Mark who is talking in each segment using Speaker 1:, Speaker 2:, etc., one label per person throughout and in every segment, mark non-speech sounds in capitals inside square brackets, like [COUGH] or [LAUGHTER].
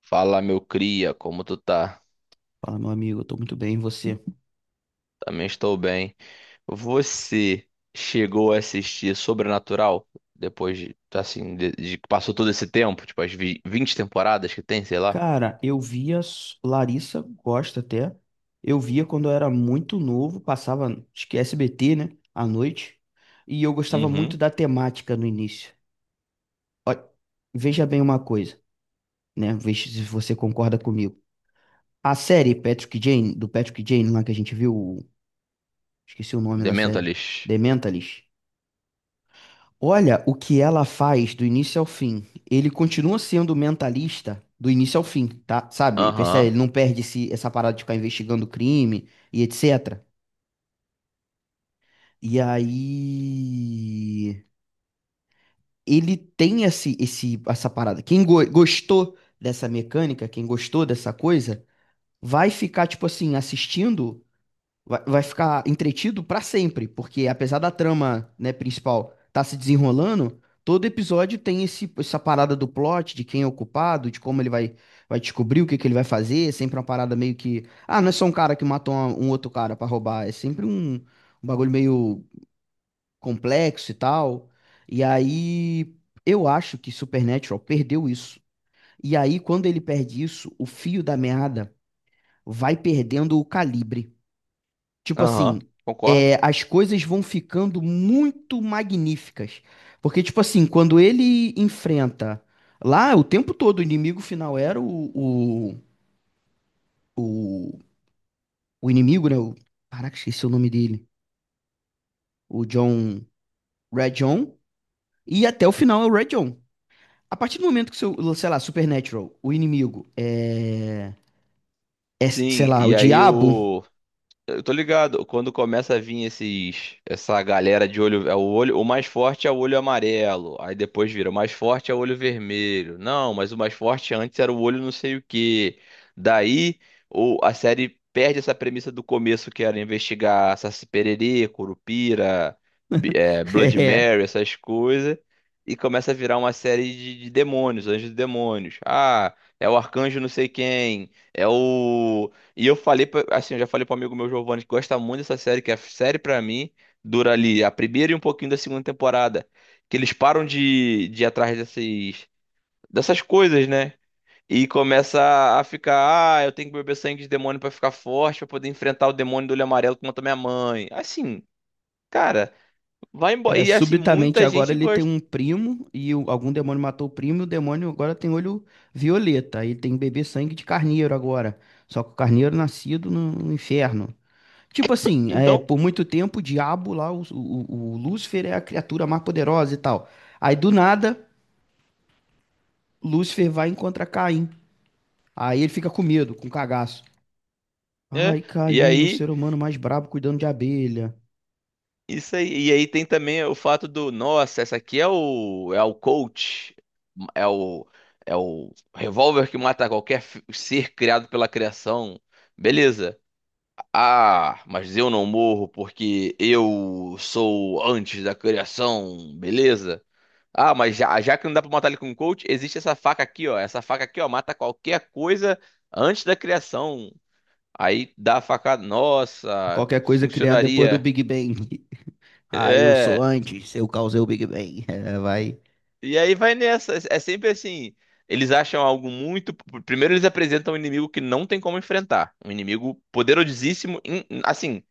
Speaker 1: Fala, meu cria, como tu tá?
Speaker 2: Fala, meu amigo, eu tô muito bem, e você?
Speaker 1: Também estou bem. Você chegou a assistir Sobrenatural depois de, assim, de que passou todo esse tempo, tipo as 20 temporadas que tem, sei lá.
Speaker 2: Cara, eu via Larissa Costa até. Eu via quando eu era muito novo, passava, acho que SBT, né, à noite, e eu gostava muito
Speaker 1: Uhum.
Speaker 2: da temática no início. Ó, veja bem uma coisa, né? Veja se você concorda comigo. A série Patrick Jane, do Patrick Jane lá que a gente viu, esqueci o nome
Speaker 1: The
Speaker 2: da série,
Speaker 1: Mentalist.
Speaker 2: The Mentalist. Olha o que ela faz do início ao fim. Ele continua sendo mentalista do início ao fim, tá? Sabe? Percebe?
Speaker 1: Aham.
Speaker 2: Ele não perde essa parada de ficar investigando crime e etc. E aí. Ele tem essa parada. Quem gostou dessa mecânica, quem gostou dessa coisa, vai ficar, tipo assim, assistindo. Vai ficar entretido pra sempre, porque apesar da trama, né, principal tá se desenrolando, todo episódio tem essa parada do plot, de quem é o culpado, de como ele vai descobrir o que que ele vai fazer, é sempre uma parada meio que, ah, não é só um cara que matou um outro cara pra roubar, é sempre um bagulho meio complexo e tal. E aí, eu acho que Supernatural perdeu isso. E aí, quando ele perde isso, o fio da meada vai perdendo o calibre. Tipo
Speaker 1: Aham,
Speaker 2: assim,
Speaker 1: concordo.
Speaker 2: é, as coisas vão ficando muito magníficas. Porque, tipo assim, quando ele enfrenta. Lá, o tempo todo, o inimigo final era o. O, o inimigo, né? O, caraca, esqueci o nome dele. O John. Red John. E até o final é o Red John. A partir do momento que, seu, sei lá, Supernatural, o inimigo é. É, sei
Speaker 1: Sim,
Speaker 2: lá, o
Speaker 1: e aí
Speaker 2: diabo.
Speaker 1: o eu tô ligado, quando começa a vir essa galera de olho, é o olho, o mais forte é o olho amarelo, aí depois vira, o mais forte é o olho vermelho. Não, mas o mais forte antes era o olho não sei o quê. Daí, o, a série perde essa premissa do começo que era investigar Saci Pererê, Curupira,
Speaker 2: [LAUGHS]
Speaker 1: Blood
Speaker 2: É.
Speaker 1: Mary, essas coisas, e começa a virar uma série de demônios, anjos e demônios. Ah, é o arcanjo não sei quem, é o e eu falei, assim, eu já falei para amigo meu Giovanni que gosta muito dessa série, que é a série pra mim dura ali a primeira e um pouquinho da segunda temporada, que eles param de ir atrás dessas, dessas coisas, né? E começa a ficar, ah, eu tenho que beber sangue de demônio pra ficar forte, pra poder enfrentar o demônio do olho amarelo que matou minha mãe. Assim, cara, vai embora.
Speaker 2: É,
Speaker 1: E assim,
Speaker 2: subitamente
Speaker 1: muita
Speaker 2: agora
Speaker 1: gente
Speaker 2: ele tem
Speaker 1: gosta.
Speaker 2: um primo e algum demônio matou o primo, e o demônio agora tem olho violeta, aí tem bebê sangue de carneiro agora. Só que o carneiro nascido no inferno. Tipo assim, é,
Speaker 1: Então,
Speaker 2: por muito tempo o diabo lá, o Lúcifer é a criatura mais poderosa e tal. Aí do nada, Lúcifer vai e encontra Caim. Aí ele fica com medo, com cagaço.
Speaker 1: é.
Speaker 2: Ai,
Speaker 1: E
Speaker 2: Caim, o ser
Speaker 1: aí
Speaker 2: humano mais brabo cuidando de abelha.
Speaker 1: isso aí. E aí tem também o fato do, nossa, essa aqui é o coach, é o é o revólver que mata qualquer ser criado pela criação. Beleza. Ah, mas eu não morro porque eu sou antes da criação, beleza? Ah, mas já que não dá pra matar ele com o coach, existe essa faca aqui, ó. Essa faca aqui, ó, mata qualquer coisa antes da criação. Aí dá a facada, nossa,
Speaker 2: Qualquer coisa criada depois do
Speaker 1: funcionaria.
Speaker 2: Big Bang. Ah, eu sou
Speaker 1: É.
Speaker 2: antes, eu causei o Big Bang. [LAUGHS] É, vai
Speaker 1: E aí vai nessa. É sempre assim. Eles acham algo muito. Primeiro eles apresentam um inimigo que não tem como enfrentar. Um inimigo poderosíssimo. Assim,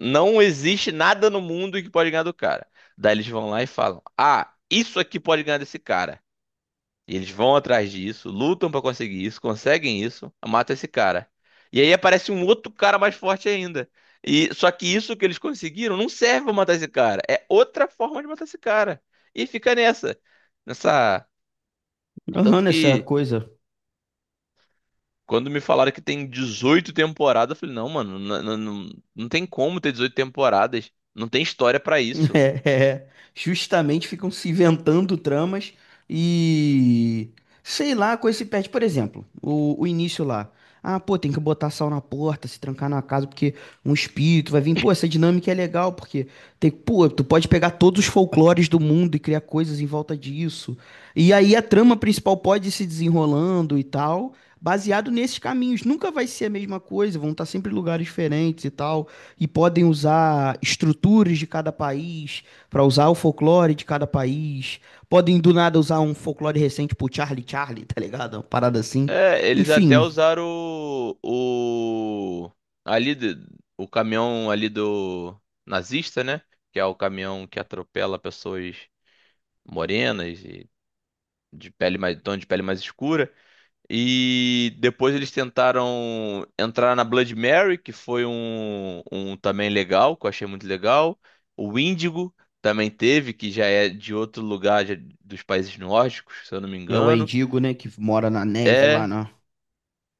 Speaker 1: não existe nada no mundo que pode ganhar do cara. Daí eles vão lá e falam: ah, isso aqui pode ganhar desse cara. E eles vão atrás disso, lutam pra conseguir isso, conseguem isso, matam esse cara. E aí aparece um outro cara mais forte ainda. E só que isso que eles conseguiram não serve pra matar esse cara. É outra forma de matar esse cara. E fica nessa nessa tanto
Speaker 2: agarrando essa
Speaker 1: que
Speaker 2: coisa
Speaker 1: quando me falaram que tem 18 temporadas, eu falei, não, mano, não tem como ter 18 temporadas. Não tem história pra
Speaker 2: [LAUGHS]
Speaker 1: isso.
Speaker 2: É, é, é. Justamente ficam se inventando tramas e sei lá, com esse pet, por exemplo, o início lá. Ah, pô, tem que botar sal na porta, se trancar na casa, porque um espírito vai vir. Pô, essa dinâmica é legal, porque tem, pô, tu pode pegar todos os folclores do mundo e criar coisas em volta disso. E aí a trama principal pode ir se desenrolando e tal, baseado nesses caminhos. Nunca vai ser a mesma coisa, vão estar sempre em lugares diferentes e tal e podem usar estruturas de cada país para usar o folclore de cada país. Podem do nada usar um folclore recente pro Charlie Charlie, [LAUGHS] tá ligado? Uma parada assim.
Speaker 1: É, eles até
Speaker 2: Enfim,
Speaker 1: usaram o ali de- o caminhão ali do nazista, né? Que é o caminhão que atropela pessoas morenas e de pele mais, tom de pele mais escura. E depois eles tentaram entrar na Blood Mary, que foi um também legal, que eu achei muito legal. O Índigo também teve, que já é de outro lugar já dos países nórdicos, se eu não me
Speaker 2: é o
Speaker 1: engano.
Speaker 2: Endigo, né, que mora na neve lá,
Speaker 1: É,
Speaker 2: né?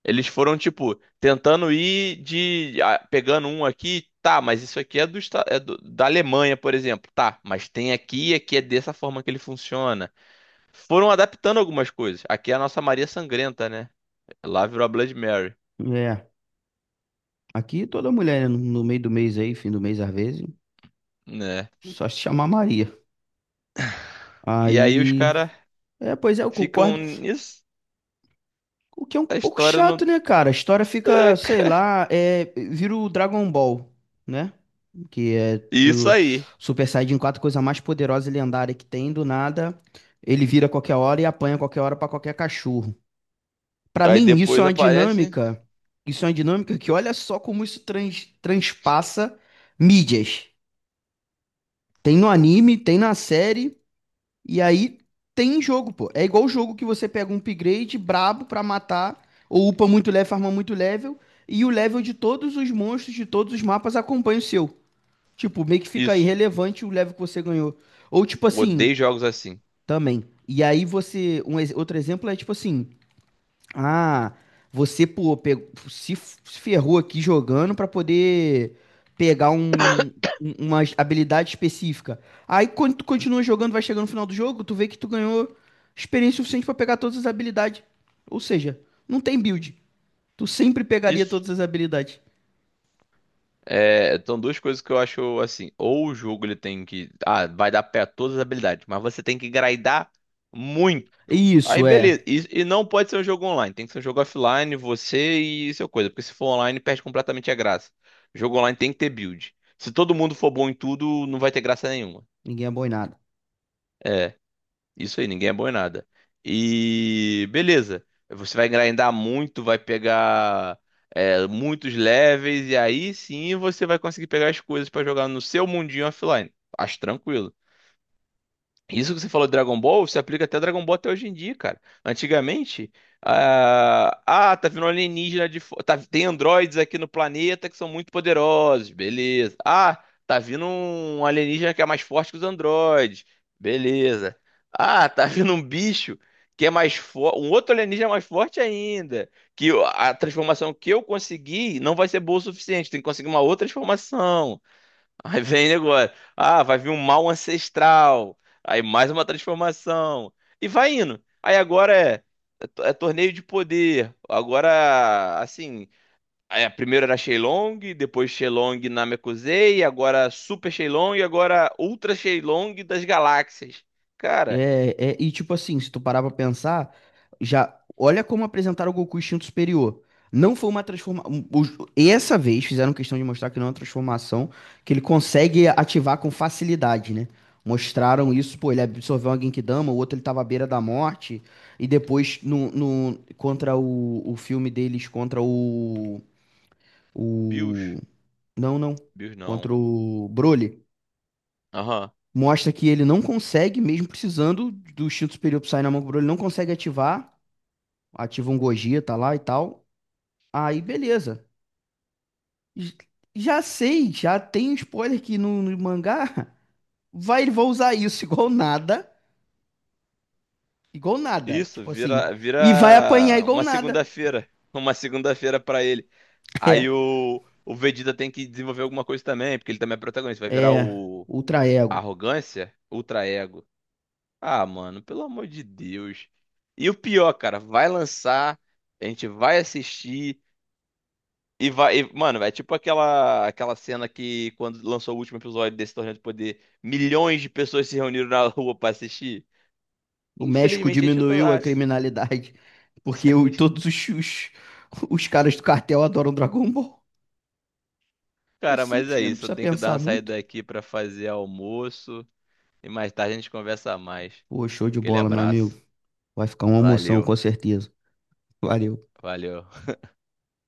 Speaker 1: eles foram, tipo, tentando ir de. Ah, pegando um aqui, tá, mas isso aqui é, do, é da Alemanha, por exemplo. Tá, mas tem aqui e aqui é dessa forma que ele funciona. Foram adaptando algumas coisas. Aqui é a nossa Maria Sangrenta, né? Lá virou a Blood Mary.
Speaker 2: É. Aqui toda mulher né, no meio do mês aí, fim do mês às vezes,
Speaker 1: Né?
Speaker 2: só se chamar Maria.
Speaker 1: E aí os
Speaker 2: Aí,
Speaker 1: caras
Speaker 2: é, pois é, eu
Speaker 1: ficam
Speaker 2: concordo.
Speaker 1: nisso.
Speaker 2: O que é um
Speaker 1: A
Speaker 2: pouco
Speaker 1: história
Speaker 2: chato,
Speaker 1: não.
Speaker 2: né, cara? A história fica, sei
Speaker 1: [LAUGHS]
Speaker 2: lá, é, vira o Dragon Ball, né? Que é
Speaker 1: Isso
Speaker 2: do
Speaker 1: aí.
Speaker 2: Super Saiyajin quatro, coisa mais poderosa e lendária que tem, do nada, ele vira a qualquer hora e apanha a qualquer hora pra qualquer cachorro. Pra
Speaker 1: Aí
Speaker 2: mim, isso é
Speaker 1: depois
Speaker 2: uma
Speaker 1: aparece
Speaker 2: dinâmica, isso é uma dinâmica que olha só como isso transpassa mídias. Tem no anime, tem na série, e aí tem jogo, pô. É igual o jogo que você pega um upgrade brabo pra matar, ou upa muito level, farma muito level, e o level de todos os monstros de todos os mapas acompanha o seu. Tipo, meio que fica
Speaker 1: isso.
Speaker 2: irrelevante o level que você ganhou. Ou tipo assim,
Speaker 1: Odeio jogos assim.
Speaker 2: também. E aí você, outro exemplo é tipo assim, ah, você, pô, se ferrou aqui jogando pra poder pegar uma habilidade específica. Aí quando tu continua jogando, vai chegando no final do jogo, tu vê que tu ganhou experiência suficiente pra pegar todas as habilidades. Ou seja, não tem build. Tu sempre pegaria
Speaker 1: Isso.
Speaker 2: todas as habilidades.
Speaker 1: É, então duas coisas que eu acho assim. Ou o jogo ele tem que. Ah, vai dar pé a todas as habilidades, mas você tem que grindar muito. Aí
Speaker 2: Isso, é.
Speaker 1: beleza. E não pode ser um jogo online. Tem que ser um jogo offline, você e seu coisa. Porque se for online, perde completamente a graça. Jogo online tem que ter build. Se todo mundo for bom em tudo, não vai ter graça nenhuma.
Speaker 2: Ninguém é bom em nada.
Speaker 1: Isso aí, ninguém é bom em nada. E beleza. Você vai grindar muito, vai pegar é, muitos levels, e aí sim você vai conseguir pegar as coisas pra jogar no seu mundinho offline. Acho tranquilo. Isso que você falou de Dragon Ball se aplica até a Dragon Ball até hoje em dia, cara. Antigamente, ah, tá vindo um alienígena de tá, tem androides aqui no planeta que são muito poderosos, beleza. Ah, tá vindo um alienígena que é mais forte que os androides, beleza. Ah, tá [LAUGHS] vindo um bicho que é mais forte, um outro alienígena mais forte ainda, que a transformação que eu consegui não vai ser boa o suficiente, tem que conseguir uma outra transformação. Aí vem negócio. Ah, vai vir um mal ancestral. Aí mais uma transformação. E vai indo. Aí agora é, é torneio de poder. Agora, assim. É, primeiro era Shenlong, depois Shenlong Namekusei, agora Super Shenlong e agora Ultra Shenlong das galáxias. Cara,
Speaker 2: É, é, e tipo assim, se tu parar pra pensar, já olha como apresentaram o Goku instinto superior. Não foi uma transformação. Essa vez fizeram questão de mostrar que não é uma transformação, que ele consegue ativar com facilidade, né? Mostraram isso, pô, ele absorveu uma Genkidama, o outro ele tava à beira da morte, e depois contra o filme deles, contra o,
Speaker 1: Bills.
Speaker 2: o. Não, não.
Speaker 1: Bills não.
Speaker 2: Contra o Broly.
Speaker 1: Aham.
Speaker 2: Mostra que ele não consegue, mesmo precisando do instinto superior sair na mão com ele não consegue ativar. Ativa um Gogeta tá lá e tal. Aí, beleza. J- Já sei, já tem um spoiler que no mangá [LAUGHS] ele vai usar isso [LAUGHS] igual nada. Igual nada.
Speaker 1: Isso,
Speaker 2: Tipo assim.
Speaker 1: vira,
Speaker 2: E vai apanhar
Speaker 1: vira
Speaker 2: igual
Speaker 1: uma
Speaker 2: nada. [LAUGHS]
Speaker 1: segunda-feira. [LAUGHS] Uma segunda-feira pra ele.
Speaker 2: É.
Speaker 1: Aí o Vegeta tem que desenvolver alguma coisa também, porque ele também é protagonista. Vai virar
Speaker 2: É.
Speaker 1: o
Speaker 2: Ultra ego.
Speaker 1: Arrogância, Ultra Ego. Ah, mano, pelo amor de Deus. E o pior, cara, vai lançar, a gente vai assistir e vai. E, mano, é tipo aquela, aquela cena que quando lançou o último episódio desse Torneio do Poder, milhões de pessoas se reuniram na rua pra assistir.
Speaker 2: O México
Speaker 1: Infelizmente, a gente tá
Speaker 2: diminuiu a
Speaker 1: lá.
Speaker 2: criminalidade. [LAUGHS] Porque
Speaker 1: [LAUGHS]
Speaker 2: todos os caras do cartel adoram Dragon Ball. É
Speaker 1: Cara, mas
Speaker 2: simples,
Speaker 1: é
Speaker 2: né? Não
Speaker 1: isso. Eu
Speaker 2: precisa
Speaker 1: tenho que dar
Speaker 2: pensar
Speaker 1: uma
Speaker 2: muito.
Speaker 1: saída aqui pra fazer almoço. E mais tarde a gente conversa mais.
Speaker 2: Pô, show de
Speaker 1: Aquele
Speaker 2: bola, meu amigo.
Speaker 1: abraço.
Speaker 2: Vai ficar uma emoção, com
Speaker 1: Valeu,
Speaker 2: certeza. Valeu.
Speaker 1: valeu.